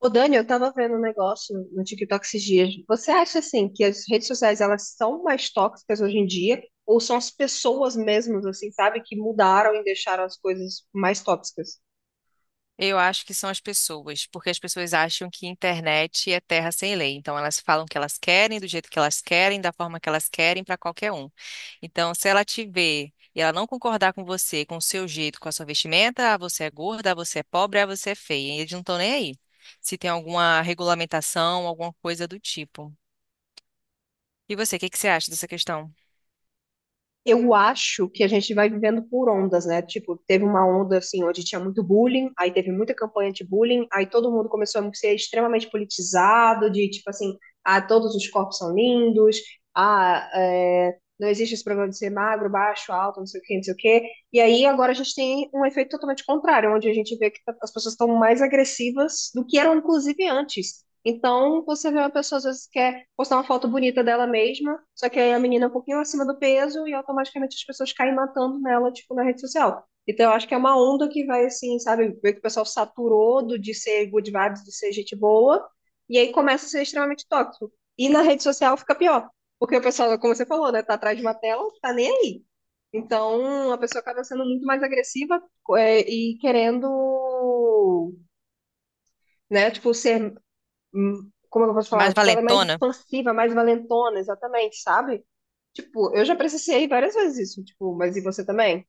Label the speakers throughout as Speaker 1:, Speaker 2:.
Speaker 1: Ô, Dani, eu tava vendo um negócio no TikTok esses dias. Você acha, assim, que as redes sociais, elas são mais tóxicas hoje em dia? Ou são as pessoas mesmas, assim, sabe? Que mudaram e deixaram as coisas mais tóxicas?
Speaker 2: Eu acho que são as pessoas, porque as pessoas acham que internet é terra sem lei. Então, elas falam o que elas querem, do jeito que elas querem, da forma que elas querem, para qualquer um. Então, se ela te ver e ela não concordar com você, com o seu jeito, com a sua vestimenta, ah, você é gorda, ah, você é pobre, ah, você é feia. E eles não estão nem aí. Se tem alguma regulamentação, alguma coisa do tipo. E você, o que que você acha dessa questão?
Speaker 1: Eu acho que a gente vai vivendo por ondas, né? Tipo, teve uma onda assim onde tinha muito bullying, aí teve muita campanha de bullying, aí todo mundo começou a ser extremamente politizado, de tipo assim, ah, todos os corpos são lindos, ah, é, não existe esse problema de ser magro, baixo, alto, não sei o quê, não sei o quê. E aí agora a gente tem um efeito totalmente contrário, onde a gente vê que as pessoas estão mais agressivas do que eram, inclusive, antes. Então, você vê uma pessoa, às vezes, quer postar uma foto bonita dela mesma, só que aí a menina é um pouquinho acima do peso e automaticamente as pessoas caem matando nela, tipo, na rede social. Então, eu acho que é uma onda que vai, assim, sabe, ver que o pessoal saturou de ser good vibes, de ser gente boa, e aí começa a ser extremamente tóxico. E na rede social fica pior, porque o pessoal, como você falou, né, tá atrás de uma tela, tá nem aí. Então, a pessoa acaba sendo muito mais agressiva, e querendo né? Tipo, ser como é que eu posso falar?
Speaker 2: Mais
Speaker 1: Tipo, ela é mais
Speaker 2: valentona?
Speaker 1: expansiva, mais valentona, exatamente, sabe? Tipo, eu já presenciei várias vezes isso, tipo, mas e você também?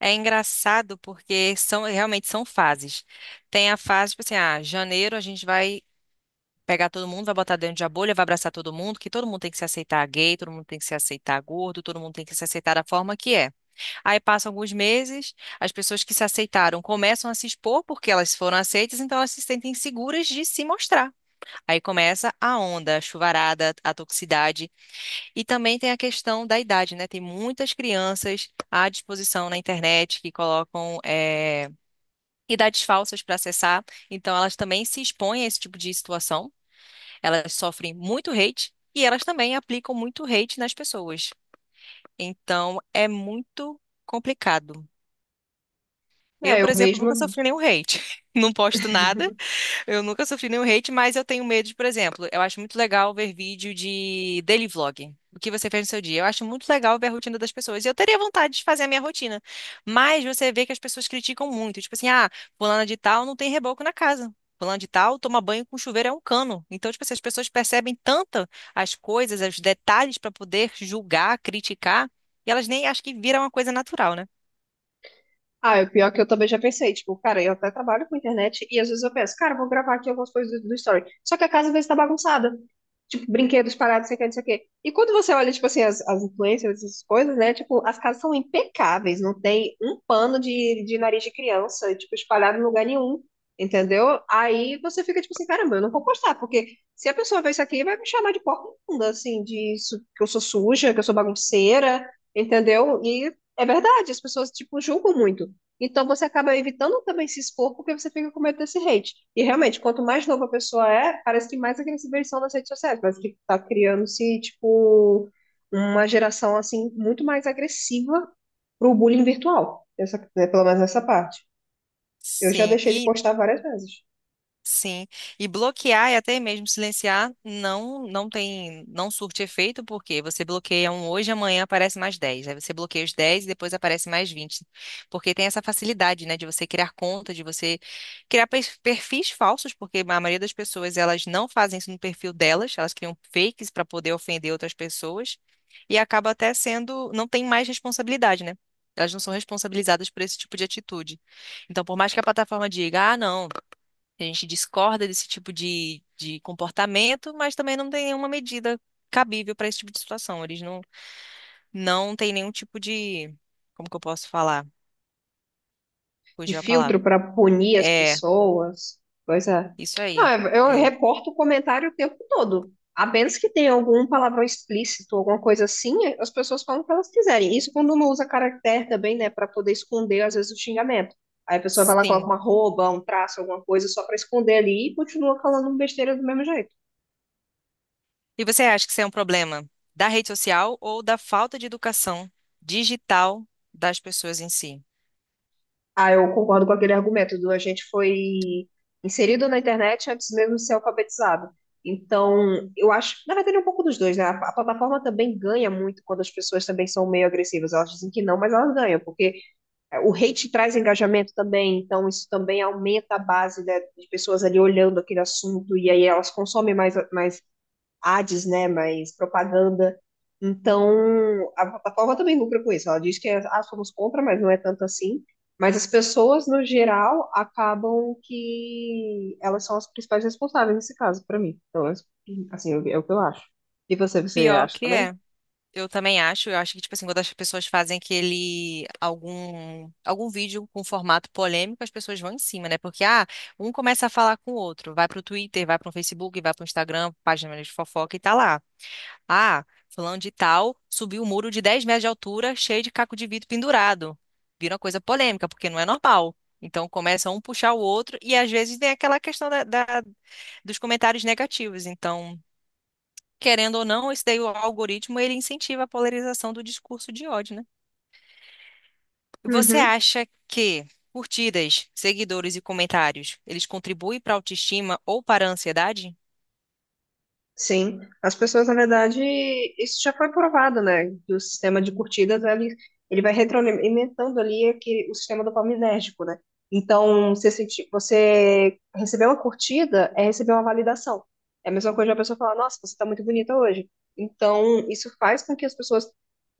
Speaker 2: É engraçado porque são realmente são fases. Tem a fase, tipo assim, ah, janeiro a gente vai pegar todo mundo, vai botar dentro de a bolha, vai abraçar todo mundo, que todo mundo tem que se aceitar gay, todo mundo tem que se aceitar gordo, todo mundo tem que se aceitar da forma que é. Aí passam alguns meses, as pessoas que se aceitaram começam a se expor porque elas foram aceitas, então elas se sentem seguras de se mostrar. Aí começa a onda, a chuvarada, a toxicidade. E também tem a questão da idade, né? Tem muitas crianças à disposição na internet que colocam. Idades falsas para acessar, então elas também se expõem a esse tipo de situação. Elas sofrem muito hate e elas também aplicam muito hate nas pessoas. Então, é muito complicado. Eu,
Speaker 1: É, eu
Speaker 2: por exemplo,
Speaker 1: mesma.
Speaker 2: nunca sofri nenhum hate. Não posto nada, eu nunca sofri nenhum hate, mas eu tenho medo de, por exemplo, eu acho muito legal ver vídeo de daily vlog. O que você fez no seu dia? Eu acho muito legal ver a rotina das pessoas. E eu teria vontade de fazer a minha rotina. Mas você vê que as pessoas criticam muito. Tipo assim, ah, fulana de tal não tem reboco na casa. Fulana de tal toma banho com chuveiro é um cano. Então, tipo assim, as pessoas percebem tanto as coisas, os detalhes para poder julgar, criticar, e elas nem acham que vira uma coisa natural, né?
Speaker 1: Ah, é o pior que eu também já pensei, tipo, cara, eu até trabalho com internet e às vezes eu penso, cara, eu vou gravar aqui algumas coisas do story. Só que a casa às vezes tá bagunçada. Tipo, brinquedos parados, sei o que, não sei o quê. E quando você olha, tipo assim, as influencers, essas coisas, né? Tipo, as casas são impecáveis, não tem um pano de nariz de criança, tipo, espalhado em lugar nenhum, entendeu? Aí você fica, tipo assim, caramba, eu não vou postar, porque se a pessoa ver isso aqui, vai me chamar de porca imunda, assim, que eu sou suja, que eu sou bagunceira, entendeu? E é verdade, as pessoas, tipo, julgam muito. Então você acaba evitando também se expor porque você fica com medo desse hate. E realmente, quanto mais nova a pessoa é, parece que mais agressiva eles são nas redes sociais. Parece que tá criando-se, tipo, uma geração, assim, muito mais agressiva pro bullying virtual. Essa, né, pelo menos nessa parte. Eu já
Speaker 2: Sim,
Speaker 1: deixei de
Speaker 2: e
Speaker 1: postar várias vezes.
Speaker 2: Sim, e bloquear e até mesmo silenciar não, não tem, não surte efeito, porque você bloqueia um hoje, amanhã aparece mais 10. Aí você bloqueia os 10 e depois aparece mais 20. Porque tem essa facilidade, né, de você criar conta, de você criar perfis falsos, porque a maioria das pessoas elas não fazem isso no perfil delas, elas criam fakes para poder ofender outras pessoas, e acaba até sendo, não tem mais responsabilidade, né? Elas não são responsabilizadas por esse tipo de atitude. Então, por mais que a plataforma diga, ah, não, a gente discorda desse tipo de comportamento, mas também não tem nenhuma medida cabível para esse tipo de situação. Eles não, não têm nenhum tipo de. Como que eu posso falar?
Speaker 1: De
Speaker 2: Fugiu a
Speaker 1: filtro
Speaker 2: palavra.
Speaker 1: para punir as
Speaker 2: É,
Speaker 1: pessoas. Coisa.
Speaker 2: isso
Speaker 1: Não,
Speaker 2: aí.
Speaker 1: eu
Speaker 2: É,
Speaker 1: reporto o comentário o tempo todo. A menos que tenha algum palavrão explícito, alguma coisa assim, as pessoas falam o que elas quiserem. Isso quando não usa caractere também, né, para poder esconder, às vezes, o xingamento. Aí a pessoa vai lá, coloca
Speaker 2: sim.
Speaker 1: uma arroba, um traço, alguma coisa, só para esconder ali e continua falando besteira do mesmo jeito.
Speaker 2: E você acha que isso é um problema da rede social ou da falta de educação digital das pessoas em si?
Speaker 1: Ah, eu concordo com aquele argumento do a gente foi inserido na internet antes mesmo de ser alfabetizado. Então, eu acho, na verdade, é um pouco dos dois, né? A plataforma também ganha muito quando as pessoas também são meio agressivas. Elas dizem que não, mas elas ganham, porque é, o hate traz engajamento também, então isso também aumenta a base, né, de pessoas ali olhando aquele assunto, e aí elas consomem mais, mais ads, né? Mais propaganda. Então, a plataforma também lucra com isso. Ela diz que é, ah, somos contra, mas não é tanto assim. Mas as pessoas, no geral, acabam que elas são as principais responsáveis nesse caso, para mim. Então, é, assim, é o que eu acho. E você, você
Speaker 2: Pior
Speaker 1: acha
Speaker 2: que
Speaker 1: também?
Speaker 2: é. Eu também acho, eu acho que, tipo assim, quando as pessoas fazem aquele, algum, algum vídeo com formato polêmico, as pessoas vão em cima, né? Porque, ah, um começa a falar com o outro, vai pro Twitter, vai pro Facebook, vai pro Instagram, página de fofoca e tá lá. Ah, fulano de tal subiu um muro de 10 metros de altura, cheio de caco de vidro pendurado. Vira uma coisa polêmica, porque não é normal. Então começa um puxar o outro e às vezes tem aquela questão dos comentários negativos. Então, querendo ou não, esse daí, o algoritmo ele incentiva a polarização do discurso de ódio, né? Você
Speaker 1: Uhum.
Speaker 2: acha que curtidas, seguidores e comentários, eles contribuem para a autoestima ou para a ansiedade?
Speaker 1: Sim, as pessoas, na verdade, isso já foi provado, né? Que o sistema de curtidas, ele vai retroalimentando ali aquele, o sistema dopaminérgico, né? Então, você receber uma curtida é receber uma validação. É a mesma coisa de uma pessoa falar, nossa, você tá muito bonita hoje. Então, isso faz com que as pessoas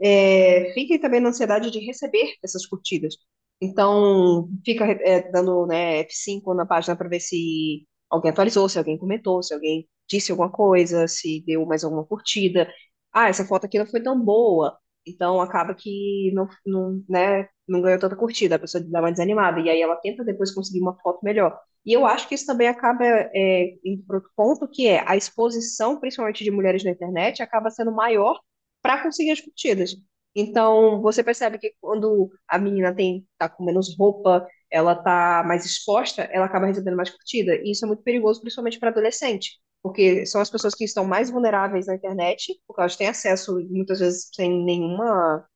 Speaker 1: é, fiquem também na ansiedade de receber essas curtidas. Então, fica é, dando, né, f cinco na página para ver se alguém atualizou, se alguém comentou, se alguém disse alguma coisa, se deu mais alguma curtida. Ah, essa foto aqui não foi tão boa. Então acaba que não, não, né, não ganhou tanta curtida, a pessoa dá uma desanimada. E aí ela tenta depois conseguir uma foto melhor. E eu acho que isso também acaba é, indo para outro ponto, que é a exposição, principalmente de mulheres na internet, acaba sendo maior para conseguir as curtidas. Então, você percebe que quando a menina tem, tá com menos roupa, ela tá mais exposta, ela acaba recebendo mais curtida. E isso é muito perigoso, principalmente para adolescente porque são as pessoas que estão mais vulneráveis na internet, porque elas têm acesso muitas vezes sem nenhuma,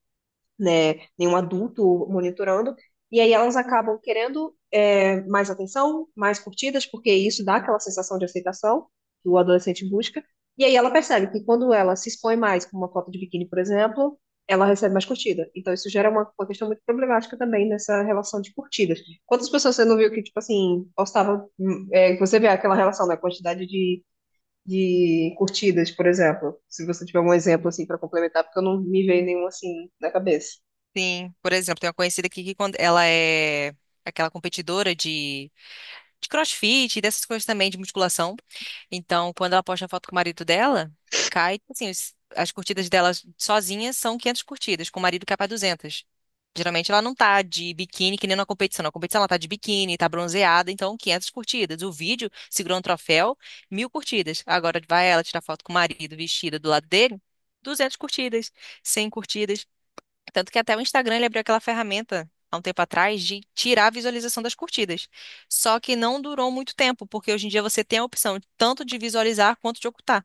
Speaker 1: né, nenhum adulto monitorando, e aí elas acabam querendo é, mais atenção, mais curtidas, porque isso dá aquela sensação de aceitação que o adolescente busca, e aí ela percebe que quando ela se expõe mais com uma foto de biquíni, por exemplo, ela recebe mais curtida. Então isso gera uma questão muito problemática também nessa relação de curtidas. Quantas pessoas você não viu que, tipo assim, postava, é, você vê aquela relação da né, quantidade de curtidas, por exemplo. Se você tiver um exemplo assim para complementar, porque eu não me veio nenhum assim na cabeça.
Speaker 2: Sim. Por exemplo, tem uma conhecida aqui que quando ela é aquela competidora de crossfit, e dessas coisas também, de musculação. Então, quando ela posta a foto com o marido dela, cai, assim, as curtidas dela sozinha são 500 curtidas, com o marido cai para 200. Geralmente ela não tá de biquíni, que nem na competição. Na competição ela tá de biquíni, tá bronzeada, então 500 curtidas. O vídeo segurou um troféu, 1.000 curtidas. Agora vai ela tirar foto com o marido vestida do lado dele, 200 curtidas, 100 curtidas. Tanto que até o Instagram ele abriu aquela ferramenta há um tempo atrás de tirar a visualização das curtidas. Só que não durou muito tempo, porque hoje em dia você tem a opção tanto de visualizar quanto de ocultar.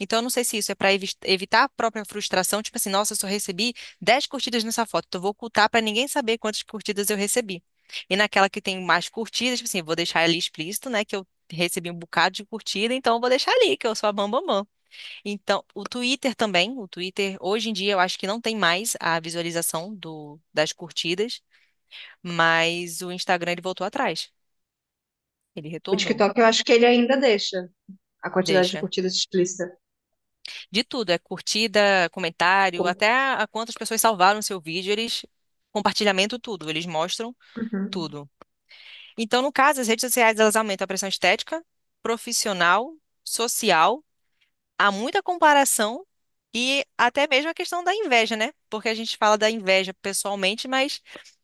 Speaker 2: Então, eu não sei se isso é para evitar a própria frustração, tipo assim, nossa, eu só recebi 10 curtidas nessa foto, então eu vou ocultar para ninguém saber quantas curtidas eu recebi. E naquela que tem mais curtidas, tipo assim, vou deixar ali explícito, né, que eu recebi um bocado de curtida, então eu vou deixar ali, que eu sou a bambambam. Então, o Twitter também, o Twitter, hoje em dia eu acho que não tem mais a visualização do, das curtidas, mas o Instagram ele voltou atrás, ele
Speaker 1: O
Speaker 2: retornou,
Speaker 1: TikTok, eu acho que ele ainda deixa a quantidade de
Speaker 2: deixa.
Speaker 1: curtidas explícita.
Speaker 2: De tudo, é curtida, comentário,
Speaker 1: Com-.
Speaker 2: até a quantas pessoas salvaram seu vídeo, eles, compartilhamento, tudo, eles mostram
Speaker 1: Uhum.
Speaker 2: tudo. Então, no caso, as redes sociais elas aumentam a pressão estética, profissional, social, há muita comparação e até mesmo a questão da inveja, né? Porque a gente fala da inveja pessoalmente, mas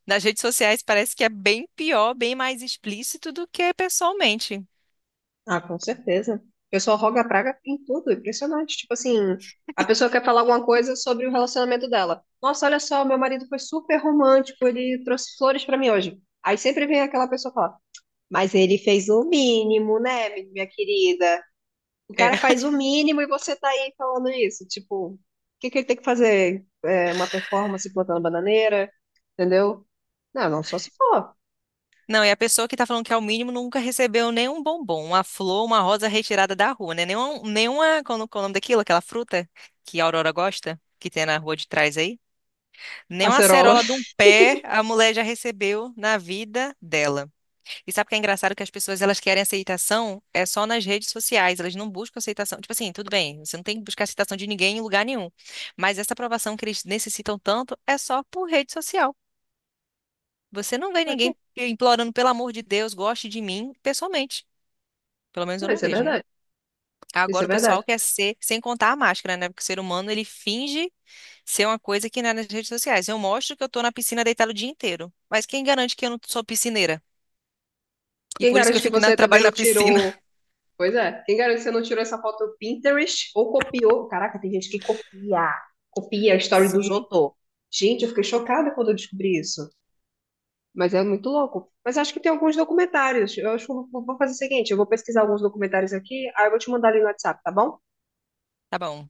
Speaker 2: nas redes sociais parece que é bem pior, bem mais explícito do que pessoalmente.
Speaker 1: Ah, com certeza. O pessoal roga a praga em tudo, é impressionante. Tipo assim, a pessoa quer falar alguma coisa sobre o relacionamento dela. Nossa, olha só, meu marido foi super romântico, ele trouxe flores para mim hoje. Aí sempre vem aquela pessoa falar, mas ele fez o mínimo, né, minha querida? O
Speaker 2: É.
Speaker 1: cara faz o mínimo e você tá aí falando isso. Tipo, o que que ele tem que fazer? É, uma performance plantando bananeira, entendeu? Não, não, só se for
Speaker 2: Não, e a pessoa que tá falando que é o mínimo nunca recebeu nenhum bombom, uma flor, uma rosa retirada da rua, né? Nenhuma, nenhuma, qual é o nome daquilo? Aquela fruta que a Aurora gosta, que tem na rua de trás aí. Nem uma
Speaker 1: acerola.
Speaker 2: acerola de um pé a mulher já recebeu na vida dela. E sabe o que é engraçado? Que as pessoas elas querem aceitação é só nas redes sociais, elas não buscam aceitação. Tipo assim, tudo bem, você não tem que buscar aceitação de ninguém em lugar nenhum. Mas essa aprovação que eles necessitam tanto é só por rede social. Você não vê
Speaker 1: Pra quê?
Speaker 2: ninguém implorando, pelo amor de Deus, goste de mim pessoalmente. Pelo menos eu
Speaker 1: Não,
Speaker 2: não
Speaker 1: isso é
Speaker 2: vejo, né?
Speaker 1: verdade. Isso é
Speaker 2: Agora o pessoal
Speaker 1: verdade.
Speaker 2: quer ser, sem contar a máscara, né? Porque o ser humano ele finge ser uma coisa que não é nas redes sociais. Eu mostro que eu tô na piscina deitada o dia inteiro. Mas quem garante que eu não sou piscineira? E
Speaker 1: Quem
Speaker 2: por isso que eu
Speaker 1: garante que
Speaker 2: fico na,
Speaker 1: você também
Speaker 2: trabalho
Speaker 1: não
Speaker 2: na piscina.
Speaker 1: tirou. Pois é, quem garante que você não tirou essa foto do Pinterest ou copiou? Caraca, tem gente que copia, copia a história dos
Speaker 2: Sim.
Speaker 1: outros. Gente, eu fiquei chocada quando eu descobri isso. Mas é muito louco. Mas acho que tem alguns documentários. Eu acho que eu vou fazer o seguinte: eu vou pesquisar alguns documentários aqui, aí eu vou te mandar ali no WhatsApp, tá bom?
Speaker 2: Tá bom.